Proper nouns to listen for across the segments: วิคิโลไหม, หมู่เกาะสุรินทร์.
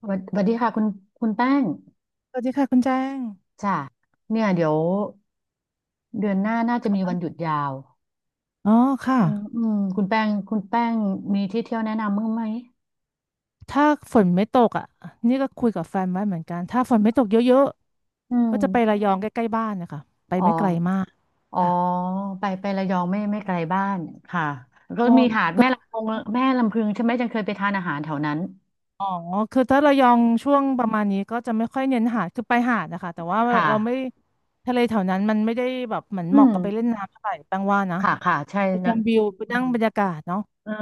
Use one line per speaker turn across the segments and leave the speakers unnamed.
สวัสดีค่ะคุณคุณแป้ง
สวัสดีค่ะคุณแจ้ง
จ้ะเนี่ยเดี๋ยวเดือนหน้าน่าจะมีวันหยุดยาว
อ๋อค่ะ
อืมคุณแป้งมีที่เที่ยวแนะนำมั้างไหม
ถ้าฝนไม่ตกนี่ก็คุยกับแฟนไว้เหมือนกัน ถ้าฝนไม่ตกเยอะ
อื
ๆ
ม
ก็จะไประยองใกล้ๆบ้านนะคะไป
อ๋อ
ไม่ไกลมาก
อ๋อ
ค่ะ
ไประยองไม่ไกลบ้านค่ะก็
พอ
มีหาดแม่ลำพงแม่ลำพึงใช่ไหมจังเคยไปทานอาหารแถวนั้น
อ๋อคือถ้าระยองช่วงประมาณนี้ก็จะไม่ค่อยเน้นหาดคือไปหาดนะคะแต่ว่า
ค่ะ
เราไม่ทะเลแถวนั้นมันไม่ได้แบบเหมือน
อื
เหมาะ
ม
กับไปเล่นน้ำเท่าไหร่แปลว่านะ
ค่ะค่ะใช่
ไปช
นะ
มวิวไป
อื
นั่ง
ม
บรรยากาศเนาะ
เออ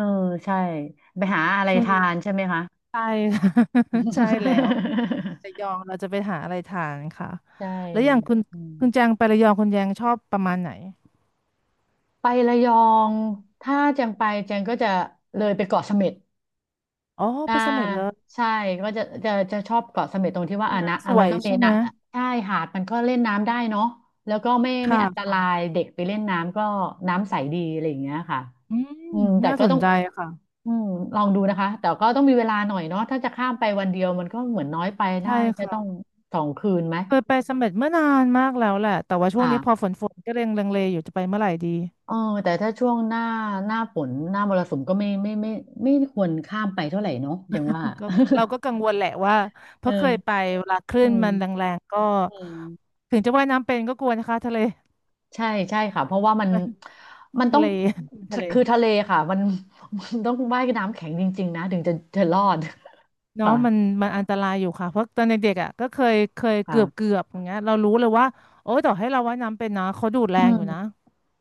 ใช่ไปหาอะไร
ช่วง
ทา
นี้
นใช่ไหมคะ
ใช่ ใช่แล้ว ระยองเราจะไปหาอะไรทานค่ะ
ใช่
แล้วอย่างคุณ
อืม
คุณแจงไประยองคุณแจงชอบประมาณไหน
ไประยองถ้าแจงไปแจงก็จะเลยไปเกาะเสม็ด
อ๋อ
อ่า
ไปเสม็ดเลย
ใช่ก็จะจะชอบเกาะเสม็ดตรงที่ว่า
ใช่
อ่ะ
ไหม
นะ
ส
อ่ะ
ว
มัน
ย
ก็มี
ใช่ไหม
นะใช่หาดมันก็เล่นน้ำได้เนาะแล้วก็ไม่
ค่
อันต
ะ
รายเด็กไปเล่นน้ำก็น้ำใสดีอะไรอย่างเงี้ยค่ะ
อืม
อืมแต่
น่า
ก็
ส
ต้
น
อง
ใจค่ะ
อืมลองดูนะคะแต่ก็ต้องมีเวลาหน่อยเนาะถ้าจะข้ามไปวันเดียวมันก็เหมือนน้อยไป
ใช่
น่าจะต้อง
ค่ะ
สองคืนไหม
เคยไปเสม็ดเมื่อนานมากแล้วแหละ แต่ว่าช่วงนี้พอ
ค่ะ
ฝนก็เรงลังเลอยู่จะไปเมื่อไหร่ดี
เออแต่ถ้าช่วงหน้าหน้าฝนหน้ามรสุมก็ไม่ไม่ควรข้ามไปเท่าไหร่เนาะอย่างว่า
ก็เราก็กังวลแหละว่าเพ
เ
ราะเคยไป
ออ
เวลาคลื่
อื
น
ม
มันแรงๆก็
อืม
ถึงจะว่ายน้ำเป็นก็กลัวนะคะทะเล
ใช่ใช่ค่ะเพราะว่ามัน มันต้
ทะ
อง
เล ทะเล
คือทะเลค่ะมัน มันต้องว่ายน้ำแข็งจริงๆนะถึงจะรอด
เนาะ
ค่ะ
มันมันอันตรายอยู่ค่ะเพราะตอนเด็กๆก็เคยเคยเกือบเกื
ค่ะ
อบอย่างเงี้ยเรารู้เลยว่าโอ้ยต่อให้เราว่ายน้ำเป็นนะเขาดูดแร
อื
ง
ม
อยู่นะ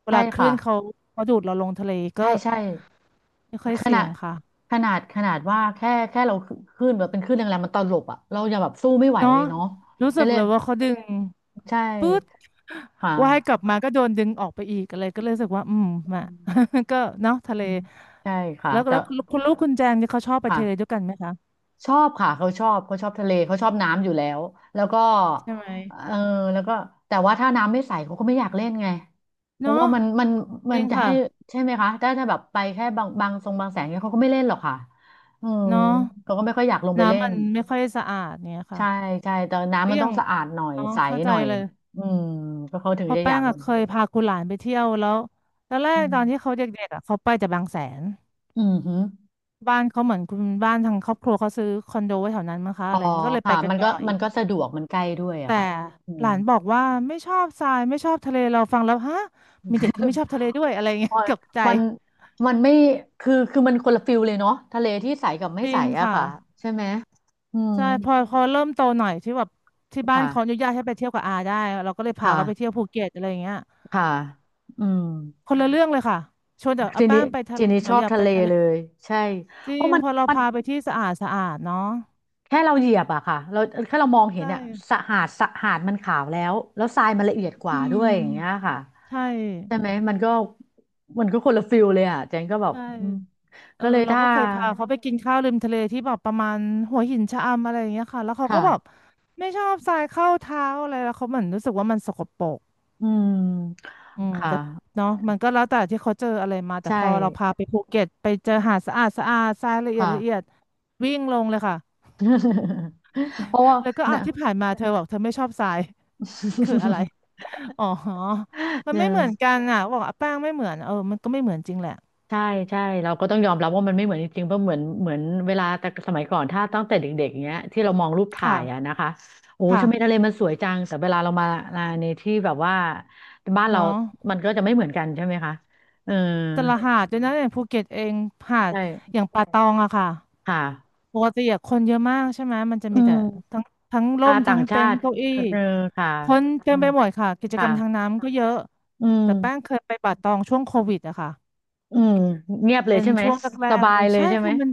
เว
ใช่
ลาคลื่
ค่ะ
นเขาเขาดูดเราลงทะเลก็
ใช่ใช่
ไม่ค่อย
ข
เสี่
นา
ยง
ด
ค่ะ
ขนาดว่าแค่เราขึ้นแบบเป็นขึ้นแรงๆมันตลบอ่ะเราอย่าแบบสู้ไม่ไหวเล
เนาะ
ยเนาะ
รู้
จะ
สึก
เรีย
เล
ก
ยว่าเขาดึง
ใช่
ปึ๊ด
ค่
ว่ายกลั
ะ
บมาก็โดนดึงออกไปอีกอะไรก็เลยรู้สึกว่าอืมมา ก็เนาะทะเล
อืมใช่ค่ะ
แล้ว
แต่
แล้วคุณลูกคุณแจงนี่เขาชอบไป
ค่ะ
ทะเลด้วยกันไหมคะ
ชอบค่ะเขาชอบเขาชอบทะเลเขาชอบน้ำอยู่แล้วแล้วก็
ใช่ไหม
เออแล้วก็แต่ว่าถ้าน้ำไม่ใสเขาก็ไม่อยากเล่นไงเพราะ
เนาะ
ว่ามัน
จ
มัน
ริง
จะ
ค่ะ
ให้ใช่ไหมคะถ้าถ้าแบบไปแค่บางบางทรงบางแสงเนี่ยเขาก็ไม่เล่นหรอกค่ะอืม
เนาะ
เขาก็ไม่ค่อยอยากลงไปเล่
น้ำมั
น
นไม่ค่อยสะอาดเนี่ยค่ะ
ใช่ใช่แต่น้ำ
ก็
มัน
อ
ต้
ย่า
อ
ง
งสะอาดหน่อย
เนาะ
ใส
เข้าใจ
หน่อย
เลย
อืมก็เขาถึ
เพ
ง
อ
จะอ
แป้
ยา
ง
กลง
เคยพาคุณหลานไปเที่ยวแล้วตอนแร
อื
กตอนที่
ม
เขาเด็กๆเขาไปแต่บางแสน
อืมฮึ
บ้านเขาเหมือนคุณบ้านทางครอบครัวเขาซื้อคอนโดไว้แถวนั้นมั้งคะ
อ๋
อะ
อ
ไรอย่างนี้ก็เลยไป
ค่ะ
กัน
มันก็
บ่อย
มันก็สะดวกมันใกล้ด้วยอะ
แต่
ค่ะอื
ห
ม
ลานบอกว่าไม่ชอบทรายไม่ชอบทะเลเราฟังแล้วฮะ มีเด็กที่ไม่ชอบทะเลด้วยอะไรเงี้ย ตกบใจ
มันมันไม่คือคือมันคนละฟิลเลยเนาะทะเลที่ใสกับไม่
จริ
ใส
ง
อะ
ค่ะ
ค่ะใช่ไหมอืม
ใช่พอพอเริ่มโตหน่อยที่แบบที่บ้าน
ค่ะ
เขาอนุญาตให้ไปเที่ยวกับอาได้เราก็เลยพา
ค่ะ
เขาไปเที่ยวภูเก็ตอะไรเงี้ย
ค่ะอืม
คนละเรื่องเลยค่ะชวนจากอา
ที
แป้
นี้
งไปทะ
ที
เล
นี้
ห
ช
นู
อบ
อยาก
ทะ
ไป
เล
ทะเล
เลยใช่
จ
เพ
ริ
ราะ
ง
มัน
พอเรา
มัน
พาไปที่สะอาดสะอาดเนาะ
แค่เราเหยียบอะค่ะเราแค่เรามองเห็
ใช่
นอะสะหาดสะหาดมันขาวแล้วแล้วทรายมันละเอียดก
อื
ว่าด้วยอย่างเงี้ย
ม
ค่ะ
ใช่
ใช่ไหมมันก็มันก็คนละฟิลเลยอะเจนก็แบบ
ใช่
อืม
เอ
ก็
อ
เลย
เรา
ถ้า
ก็เคยพาเขาไปกินข้าวริมทะเลที่แบบประมาณหัวหินชะอำอะไรอย่างเงี้ยค่ะแล้วเขาก็แบบ
ค่ะ
ไม่ชอบทรายเข้าเท้าอะไรแล้วเขาเหมือนรู้สึกว่ามันสกปรก
อืม
อืม
ค่ะ
แต่เนาะมันก็แล้วแต่ที่เขาเจออะไรมาแต่
ใช่
พอเราพาไปภูเก็ตไปเจอหาดสะอาดสะอาดทรายละเอียด
ค่ะ
ละเอียดวิ่งลงเลยค่ะ
เพราะว่า
แล้วก็อ้าว
นะ
ที่ผ่านมาเธอบอกเธอไม่ชอบทราย คืออะไร อ๋อมั
เ
นไม่เหมือน
ออ
กันบอกแป้งไม่เหมือนเออมันก็ไม่เหมือนจริงแหละ
ใช่ใช่เราก็ต้องยอมรับว่ามันไม่เหมือนจริงๆเพราะเหมือนเหมือนเวลาแต่สมัยก่อนถ้าตั้งแต่เด็กๆอย่างเงี้ยที่เรามองรูปถ่ายอะ
ค่ะ
นะคะโอ้
ค่ะ
ทำไมทะเลมันสวยจังแต่เวลาเรามามาในที่แบบว่าบ้านเรา
เนาะ
มันก็จะไม่เหมือนกันใช่ไหมคะเออ
แต่ละหาดด้วยนะอย่างภูเก็ตเองหาดอ
ใช่
ย่างป่าตองค่ะ
ค่ะ
ปกติอะคนเยอะมากใช่ไหมมันจะ
อื
มี
ม
แต่ทั้งทั้งร่
อ่า
ม
ต่า
ทั้
ง
ง
ชา
เต็นท์
ติ
เก้าอี้
เออค่ะ
คนเต็
อื
ม
ม
ไปหมดค่ะกิจก
ค่ะ
รรมทางน้ำก็เยอะ
อืม
แต่แป้งเคยไปป่าตองช่วงโควิดค่ะ
อืมเงียบเลย
เป็น
ใช่ไหม
ช่วงแร
ส
ก
บา
ๆเล
ย
ย
เลย
ใช่
ใช่ไหม
ค่ะมัน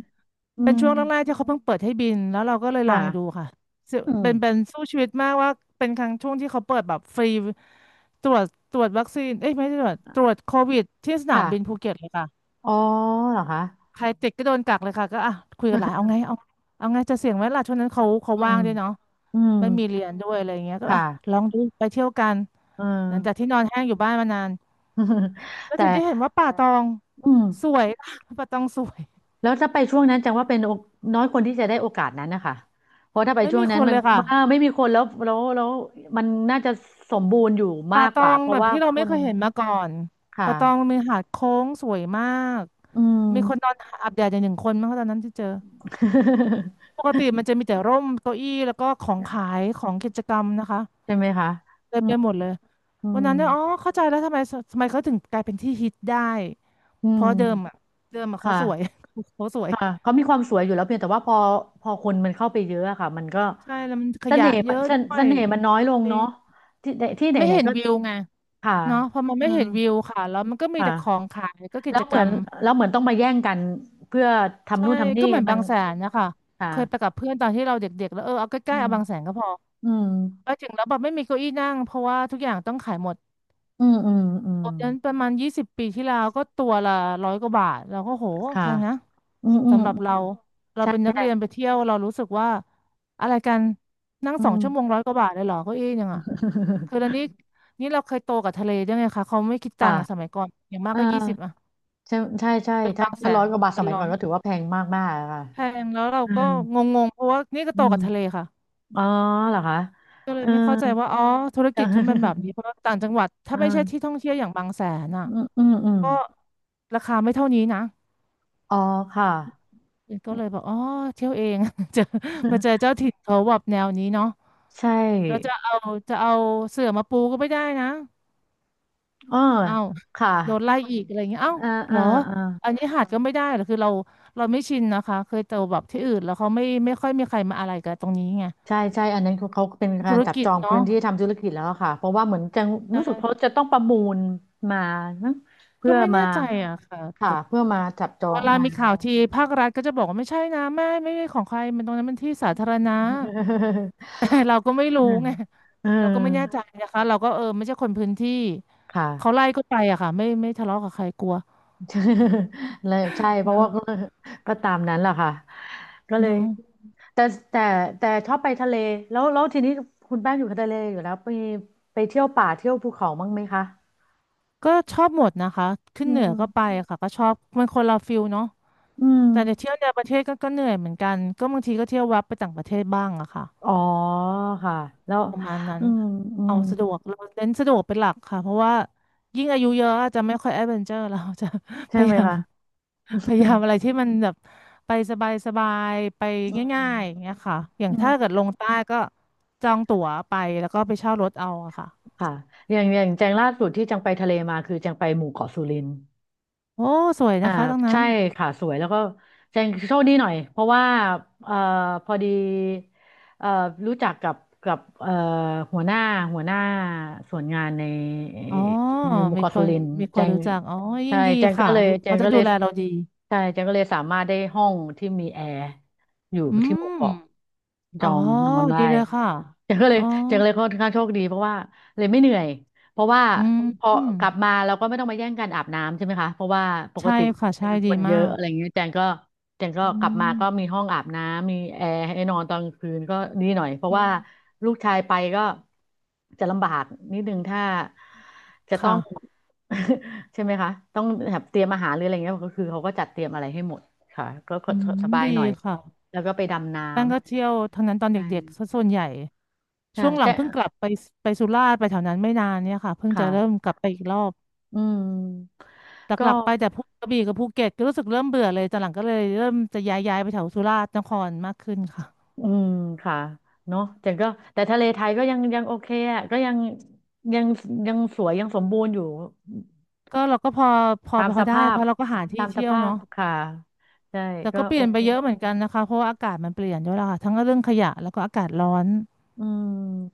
อื
เป็น
ม
ช่วงแรกๆที่เขาเพิ่งเปิดให้บินแล้วเราก็เลยลอ
ค่ะ
งดูค่ะซึ่ง
อืม
เป็นสู้ชีวิตมากว่าเป็นครั้งช่วงที่เขาเปิดแบบฟรีตรวจตรวจวัคซีนเอ้ยไม่ใช่ตรวจโควิดที่สนาม
ค่ะ
บินภูเก็ตเลยค่ะ
อ๋อเหรอคะ
ใครติดก็โดนกักเลยค่ะก็อ่ะคุยกันหลายเอาไง เอาเอาไงจะเสี่ยงไหมล่ะช่วงนั้นเขาเขา
อืม
ว่างด้วยเนาะ
อืม
ไม่มีเรียนด้วยอะไรอย่างเงี้ยก็อ่ะ
ค่ะ
ลองดูไปเที่ยวกัน
เอ
หลังจาก
อ
ที่นอนแห้งอยู่บ้านมานาน แล้ว
แต่
ถึงได้เห็นว่าป่าตอง
อืม
สวย ป่าตองสวย
แล้วถ้าไปช่วงนั้นจังว่าเป็นโอน้อยคนที่จะได้โอกาสนั้นนะคะ เพราะถ้าไป
ไม่
ช่ว
มี
ง
ค
นั้น
น
มั
เล
น
ยค่ะ
อ่าไม่มีคนแล้วแล้วแล้วมันน่าจะสมบูรณ์อยู่มา
ป่า
ก
ต
ก
อ
ว่า
ง
เพ
แบ
ราะ
บ
ว่า
ที่เรา
ค
ไม่
น
เคยเห็นมาก่อน
ค่ะ
ป่าตองมีหาดโค้งสวยมาก
อืม
มีคนนอนอาบแดดอย่าง1 คนมั้งะตอนนั้นที่เจอป กติมันจะมีแต่ร่มเก้าอี้แล้วก็ของขายของกิจกรรมนะคะ
ใช่ไหมคะ
เต็
อื
มไป
ม
หมดเลย
อื
วัน
ม
นั้นเนี่ยอ๋อเข้าใจแล้วทำไมทำไมเขาถึงกลายเป็นที่ฮิตได้
อื
เพราะเดิมอ่ะ
ม
เดิมอ่ะเขา
ค่ะ
สวย เขาสวย
ค่ะเขามีความสวยอยู่แล้วเพียงแต่ว่าพอพอคนมันเข้าไปเยอะอะค่ะ มันก็
ใช่แล้วมันข
เส
ยะ
น่ห์
เย
มัน
อะ
เส
ด้
น
ว
เส
ย
น่ห์มันน้อยลง
จริ
เนาะ
ง
ที่ไหนที่ไหน
ไม่เห็
ๆ
น
ก็
วิวไง
ค่ะ
เนาะพอมัน
อื
ไม่
ม
เห็นวิวค่ะแล้วมันก็มีแต่ของ
ค่ะ
ขายก็กิ
แล้ว
จ
เห
กร
มือน
รม
แล้วเหมือนต้องมาแย่งกันเพื่อทำ
ใช่
นู่นทำนี่
ก็เหมือน
มั
บา
น
งแสนนะคะเคยไป
ค่ะ
กับเพื่อนตอนที่เราเด็กๆแล้วเออเอาใก
อื
ล้ๆ
ม
เอาบางแสนก็พอ
อืม
ไปถึงแล้วแบบไม่มีเก้าอี้นั่งเพราะว่าทุกอย่างต้องขายหมด
อืมอืมอืม
ตอนนั้นประมาณ20 ปีที่แล้วก็ตัวละร้อยกว่าบาทเราก็โห
ค่ะ
แพงนะ
อืมอืม
สำหรับ
อื
เรา
ม
เรา
ใช่
เป็นนั
ใช่
กเรียนไปเที่ยวเรารู้สึกว่าอะไรกันนั่ง
อื
สอง
ม
ชั่วโมงร้อยกว่าบาทเลยเหรอเก้าอี้ยังอ่ะคือแล้วนี้ นี่เราเคยโตกับทะเลด้วยไงคะเขาไม่คิดตัง
ค่ะ
ค์อ่ะสมัยก่อนอย่างมาก
เอ่า
ก็ยี่สิบอ่ะ
ใช่ใช่ใช่
เป็น
ถ้า
บางแส
ถ้าร้อย
น
กว่าบาทส
เป็น
มัย
ร้
ก่
อ
อน
ย
ก็ถือว่าแพงมากมากค่ะ
แพงแล้วเรา
อื
ก็
ม
งงๆเพราะว่านี่ก็
อื
โต
ม
กับทะเลค่ะ
อ๋อเหรอคะ
ก็เล
เอ
ย
อ
ไม่เข้าใจว่าอ๋อธุร
เออ
กิจเขาเป็นแบบ นี้เพราะว่าต่างจังหวัด
เอ
ถ้า
อ
ไม่ใช่ที่ท่องเที่ยวอย่างบางแสนอ่ะ
อืมอืมอืม
ก็ราคาไม่เท่านี้นะ
อ๋อค่ะ
ก็เลยบอกอ๋อเที่ยวเอง เจอมา เจอเจ้าถิ่นเขาแบบแนวนี้เนาะ
ใช
เราจะ
่
เอาจะเอาเสื่อมาปูก็ไม่ได้นะ
เออ
เอ้า
ค่ะ
โดนไล่อีกอะไรเงี้ยเอ้า
เออเอ
เหร
อ
อ
เออ
อันนี้หาดก็ไม่ได้เหรอคือเราเราไม่ชินนะคะเคยเจอแบบที่อื่นแล้วเขาไม่ค่อยมีใครมาอะไรกับตรงนี้ไง
ใช่ใช่อันนั้นเขาเขาเป็นกา
ธุ
ร
ร
จับ
กิ
จ
จ
องพื้
เนาะ
นที่ทำธุรกิจแล้วอะค่ะเพราะว่าเหมือนจะรู้สึกเขาจะต้องประมูลมานะเพื่
ก็
อ
ไม่
มา
แน่ใจอะค่ะ
ค่ะ
แต่
เพื่อมาจับจอ
เว
ง
ลา
มา
มีข่าวทีภาครัฐก็จะบอกว่าไม่ใช่นะไม่ใช่ของใครมันตรงนั้นมันที่สาธารณะ เราก็ไม่รู้
เออ
ไง
เออ
เราก็ไม่แน่ใจนะคะเราก็เออไม่ใช่คนพื้นที่
ค่ะ
เขาไล่ก็ไปอะค่ะไม่ทะเลาะกับใครกลัว
เลยใช่เพราะ
เนาะ
ว่า ก็ก็ตามนั้นแหละค่ะก็เลย
เนาะ
แต่แต่แต่ชอบไปทะเลแล้วแล้วทีนี้คุณแป้งอยู่ทะเลอยู่แล้วไปเที่ยวป่าเที่ยวภูเขาบ้างไหมคะ
ก็ชอบหมดนะคะขึ้น
อื
เหนือก็ไป
ม
อะค่ะก็ชอบมันคนละฟิลเนาะ
อืม
แต่เดี๋ยวเที่ยวในประเทศก็เหนื่อยเหมือนกันก็บางทีก็เที่ยวแวับไปต่างประเทศบ้างอะค่ะ
อ๋อค่ะแล้ว
ประมาณนั้
อื
น
มอื
เอา
ม
สะดวกเราเน้นสะดวกเป็นหลักค่ะเพราะว่ายิ่งอายุเยอะอาจจะไม่ค่อยแอดเวนเจอร์เราจะ พ
ใช่
ยา
ไหม
ยาม
คะ
พยายามอะไรที่มันแบบไปสบายสบายไป
อืม
ง่ายๆอย่างเงี้ยค่ะอย่าง
อื
ถ้า
ม
เกิดลงใต้ก็จองตั๋วไปแล้วก็ไปเช่ารถเอาอะค่ะ
ค่ะอย่างแจงล่าสุดที่จังไปทะเลมาคือจังไปหมู่เกาะสุรินทร์
โอ้สวย
อ่า
นะคะตรงนั้
ใช่
น
ค่ะสวยแล้วก็แจงโชคดีหน่อยเพราะว่าเอ่อพอดีเอ่อรู้จักกับกับหัวหน้าหัวหน้าส่วนงานในเอ่
อ๋อ
หมู่
มี
เกาะ
ค
สุ
น
รินทร์
มีค
แจ
น
ง
รู้จักอ๋อยิ่
ใช่
งดี
แจงก็
ค่ะ
เลย
ดู
แจ
เขา
ง
จะ
ก็เล
ดู
ย
แลเราดี
ใช่แจงก็เลยสามารถได้ห้องที่มีแอร์อยู่
อื
ที่หมู่
ม
เกาะจ
อ๋อ
องนอนได้
ดีเลยค่ะ
แจงก็เล
อ๋อ
ยแจงก็เลยค่อนข้างโชคดีเพราะว่าเลยไม่เหนื่อย เพราะว่า
อืม
พอ
อืม
กลับมาเราก็ไม่ต้องมาแย่งกันอาบน้ำใช่ไหมคะเพราะว่าปก
ใช่
ติ
ค่ะ
มี
ใช่
ค
ดี
นเยอะ
มาก
อะไรอย่างเงี้ยแจงก็
อื
กลับมาก็มี
ม
ห้องอาบน้ำมีแอร์ให้นอนตอนกลางคืนก็ดีหน่อยเพราะ
อื
ว่า
ม
ลูกชายไปก็จะลำบากนิดนึงถ้าจะต้อ
ค่ะ
ง ใช่ไหมคะต้องแบบเตรียมอาหารหรืออะไรเงี้ยก็คือเขาก็จัดเตรียมอะไรให้หมดค่ะก็
อืม
สบาย
ดี
หน่อย
ค่ะ
แล้วก็ไปดำน้
แป้งก็เที่ยวทั้งนั้นตอ
ำ
น
ใช่
เด็กๆซะส่วนใหญ่
ค่ะ
ช่วงหลั
แจ
งเพิ่
ง
งกลับไปไปสุราษฎร์ไปแถวนั้นไม่นานเนี่ยค่ะเพิ่งจะเริ่ม
ค่ะ
กลับไปอีกรอบ
อืม
ห
ก็
ลักๆไปแต่พวกกระบี่กับภูเก็ตก็รู้สึกเริ่มเบื่อเลยตอนหลังก็เลยเริ่มจะย้ายไปแถวสุราษฎร์นครมากขึ้นค่ะ
อืมค่ะเนาะแต่ก็แต่ทะเลไทยก็ยังโอเคอ่ะก็ยังยังยังสวยยังสมบูรณ์อยู่
ก็เราก็พอพอ
ตาม
พ
ส
อได้
ภา
เพ
พ
ราะเราก็หาที่
ตามส
เที่ยว
ภาพ
เนาะ
ค่ะใช่
แต่
ก็
ก็เป
โอ
ลี่ยน
เค
ไปเยอะเหมือนกันนะคะเพราะว่าอากาศมันเปลี่ยนด้วยล่ะค่ะทั้งเรื่องขยะแล้วก็อากาศร้อน
อืม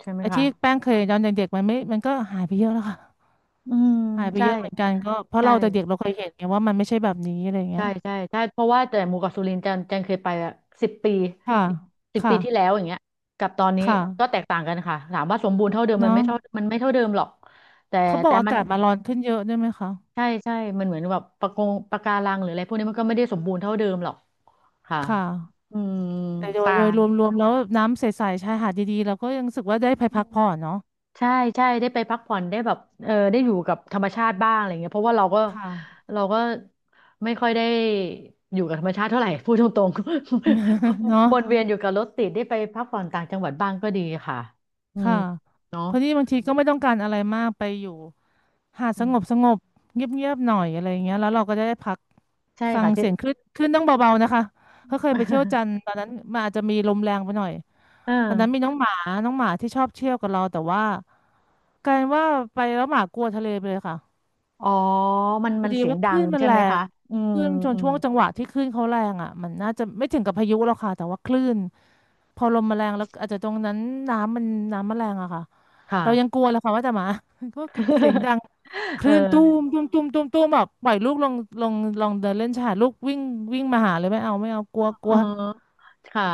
ใช่ไหม
ไอ้
คะ
ที่แป้งเคยตอนเด็กๆมันไม่มันก็หายไปเยอะแล้วค่ะ
อืม
หายไป
ใช่
เยอะเหมือนกันก็เพราะ
ใช่
เราแต่เด็กเราเคยเห็นไงว่ามันไม่ใช่แบบนี้อะไรเงี้
ใช่
ย
ใช่ใช่เพราะว่าแต่หมู่เกาะสุรินทร์จันจันเคยไปอะสิบปี
ค่ะ
สิบ
ค่ะ
ปีที่แล้วอย่างเงี้ยกับตอนนี้
ค่ะ
ก็แตกต่างกันค่ะถามว่าสมบูรณ์เท่าเดิมมัน
เนาะ
ไม่เท่ามันไม่เท่าเดิมหรอกแต่
เขาบอ
แต่
กอา
มัน
กาศมาร้อนขึ้นเยอะด้วยไหมคะ
ใช่ใช่มันเหมือนแบบปะกงปะการังหรืออะไรพวกนี้มันก็ไม่ได้สมบูรณ์เท่าเดิมหรอกค่ะ
ค่ะ
อืม
แต่โดย
ปา
โดยรวมๆแล้วน้ำใสๆชายหาดดีๆเราก็ยังรู้สึกว่าได้ไปพักผ่อนเนาะ
ใช่ใช่ได้ไปพักผ่อนได้แบบเออได้อยู่กับธรรมชาติบ้างอะไรเงี้ยเพราะว่าเราก็
ค่ะ
เราก็ไม่ค่อยได้อยู่กับธรรมชาติเท่าไหร่ พูดตรง
เนาะ
ๆ วนเวียนอยู่กับรถติดได้ไปพักผ่อนต่างจังหวัดบ้างก็ดีค่ะอืม
ค่ะเพราะนี่บางทีก็ไม่ต้องการอะไรมากไปอยู่หาดส
อื
งบ
ม
สงบเงียบๆหน่อยอะไรอย่างเงี้ยแล้วเราก็จะได้พัก
ใช่
ฟัง
ค่ะที่
เสี ยงคลื่นคลื่นต้องเบาๆนะคะ เขาเคยไปเที่ยวจันทร์ตอนนั้นมันอาจจะมีลมแรงไปหน่อย
เออ
ตอนนั้นมีน้องหมาน้องหมาที่ชอบเที่ยวกับเราแต่ว่ากลายเป็นว่าไปแล้วหมากลัวทะเลไปเลยค่ะ
อ๋อมัน
พอ
มัน
ดี
เสียง
ว่าค
ดั
ลื่
ง
นมัน
ใช่
แร
ไหม
ง
คะอืม
คลื่นจน
อืม
ช่วงจังหวะที่คลื่นเขาแรงอ่ะมันน่าจะไม่ถึงกับพายุหรอกค่ะแต่ว่าคลื่นพอลมมาแรงแล้วอาจจะตรงนั้นน้ำมันน้ำมันแรงอะค่ะ
ค่ะ
เรายังกลัวเลยค่ะว่าแต่หมา ก็ก็เสียง ดังค
เออ
ลื่นตูมตูมตูมตูมตูมแบบปล่อยลูกลงลงลองเดินเล่นชายหาดลูกวิ่งวิ่งมาหาเลยไม่เอาไม่เอากลัวก
เอ
ลั
อ
ว
ค่ะ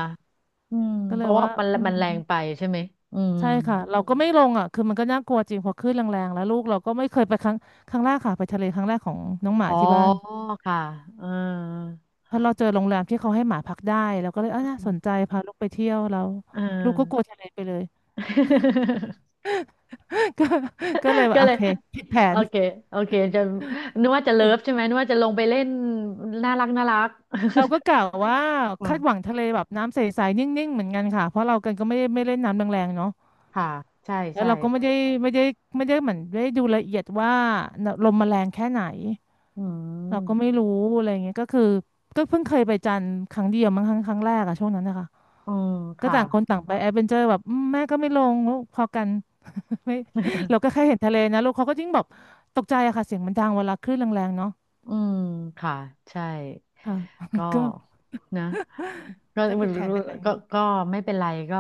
อืม
ก็
เพ
เลย
ราะว่า
ว่า
มัน
อื
มั
ม
นแรงไปใช่ไหมอืม
ใช่ค่ะเราก็ไม่ลงอ่ะคือมันก็น่ากลัวจริงพอคขื่นแรงๆแล้วลูกเราก็ไม่เคยไปครั้งแรกค่ะไปทะเลครั้งแรกของน้องห
อ๋
มา
อ
ที่บ้าน
ค่ะเออ
เพราะเราเจอโรงแรมที่เขาให้หมาพักได้เราก็เลยเออน่าสนใจพาลูกไปเที่ยวเรา
เออ
ลูกก็กลัวทะเลไปเลย ก็เลยว่า
ก็
โอ
เลย
เคผิดแผ
โอ
น
เค โอเคจะนึกว่าจะเลิฟใช่ไหมนึกว่าจะลงไปเล่นน่ารักน่ารัก
เราก็ กะว่า
อื
คา
ม
ด หวังทะเลแบบน้ำใสๆนิ่งๆเหมือนกันค่ะเพราะเรากันก็ไม่ได้ไม่เล่นน้ำแรงๆเนาะ
ค่ะ ใช่
แล้ว
ใช่
เราก็ไม่ได้ไม่ได้เหมือนได้ดูละเอียดว่าลมมันแรงแค่ไหน
อื
เราก็
ม
ไม่รู้อะไรเงี้ยก็คือก็เพิ่งเคยไปจันทร์ครั้งเดียวมั้งครั้งแรกอะช่วงนั้นนะคะ
อืม
ก็
ค่ะ
ต่างคนต่างไปแอดเวนเจอร์แบบแม่ก็ไม่ลงลูกพอกัน ไม่เราก็ แค่เห็นทะเลนะลูกเขาก็ยิ่งแบบตกใจอะค่ะเสียงมันดังเวลาคลื่นแรงๆเนาะ
อืมค่ะ ใช่
ค่ะ
ก็
ก็
นะ ก็
ก็ผิดแผนไปหน่อย
ก็ไม่เป็นไรก็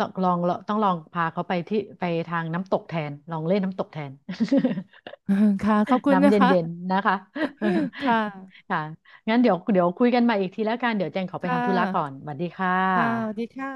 ต้องลองต้องลองพาเขาไปที่ไปทางน้ำตกแทนลองเล่นน้ำตกแทน
ค่ะขอบ คุณ
น้ำเ
นะคะ
ย็นๆนะคะ
ค่ ะ
ค่ะงั้นเดี๋ยวคุยกันใหมาอีกทีแล้วกันเดี๋ยวแจงขอไป
ค่
ทำธุระก่อน
ะ
สวัสดีค่
ค่ะสวัสดี
ะ
ค่ะ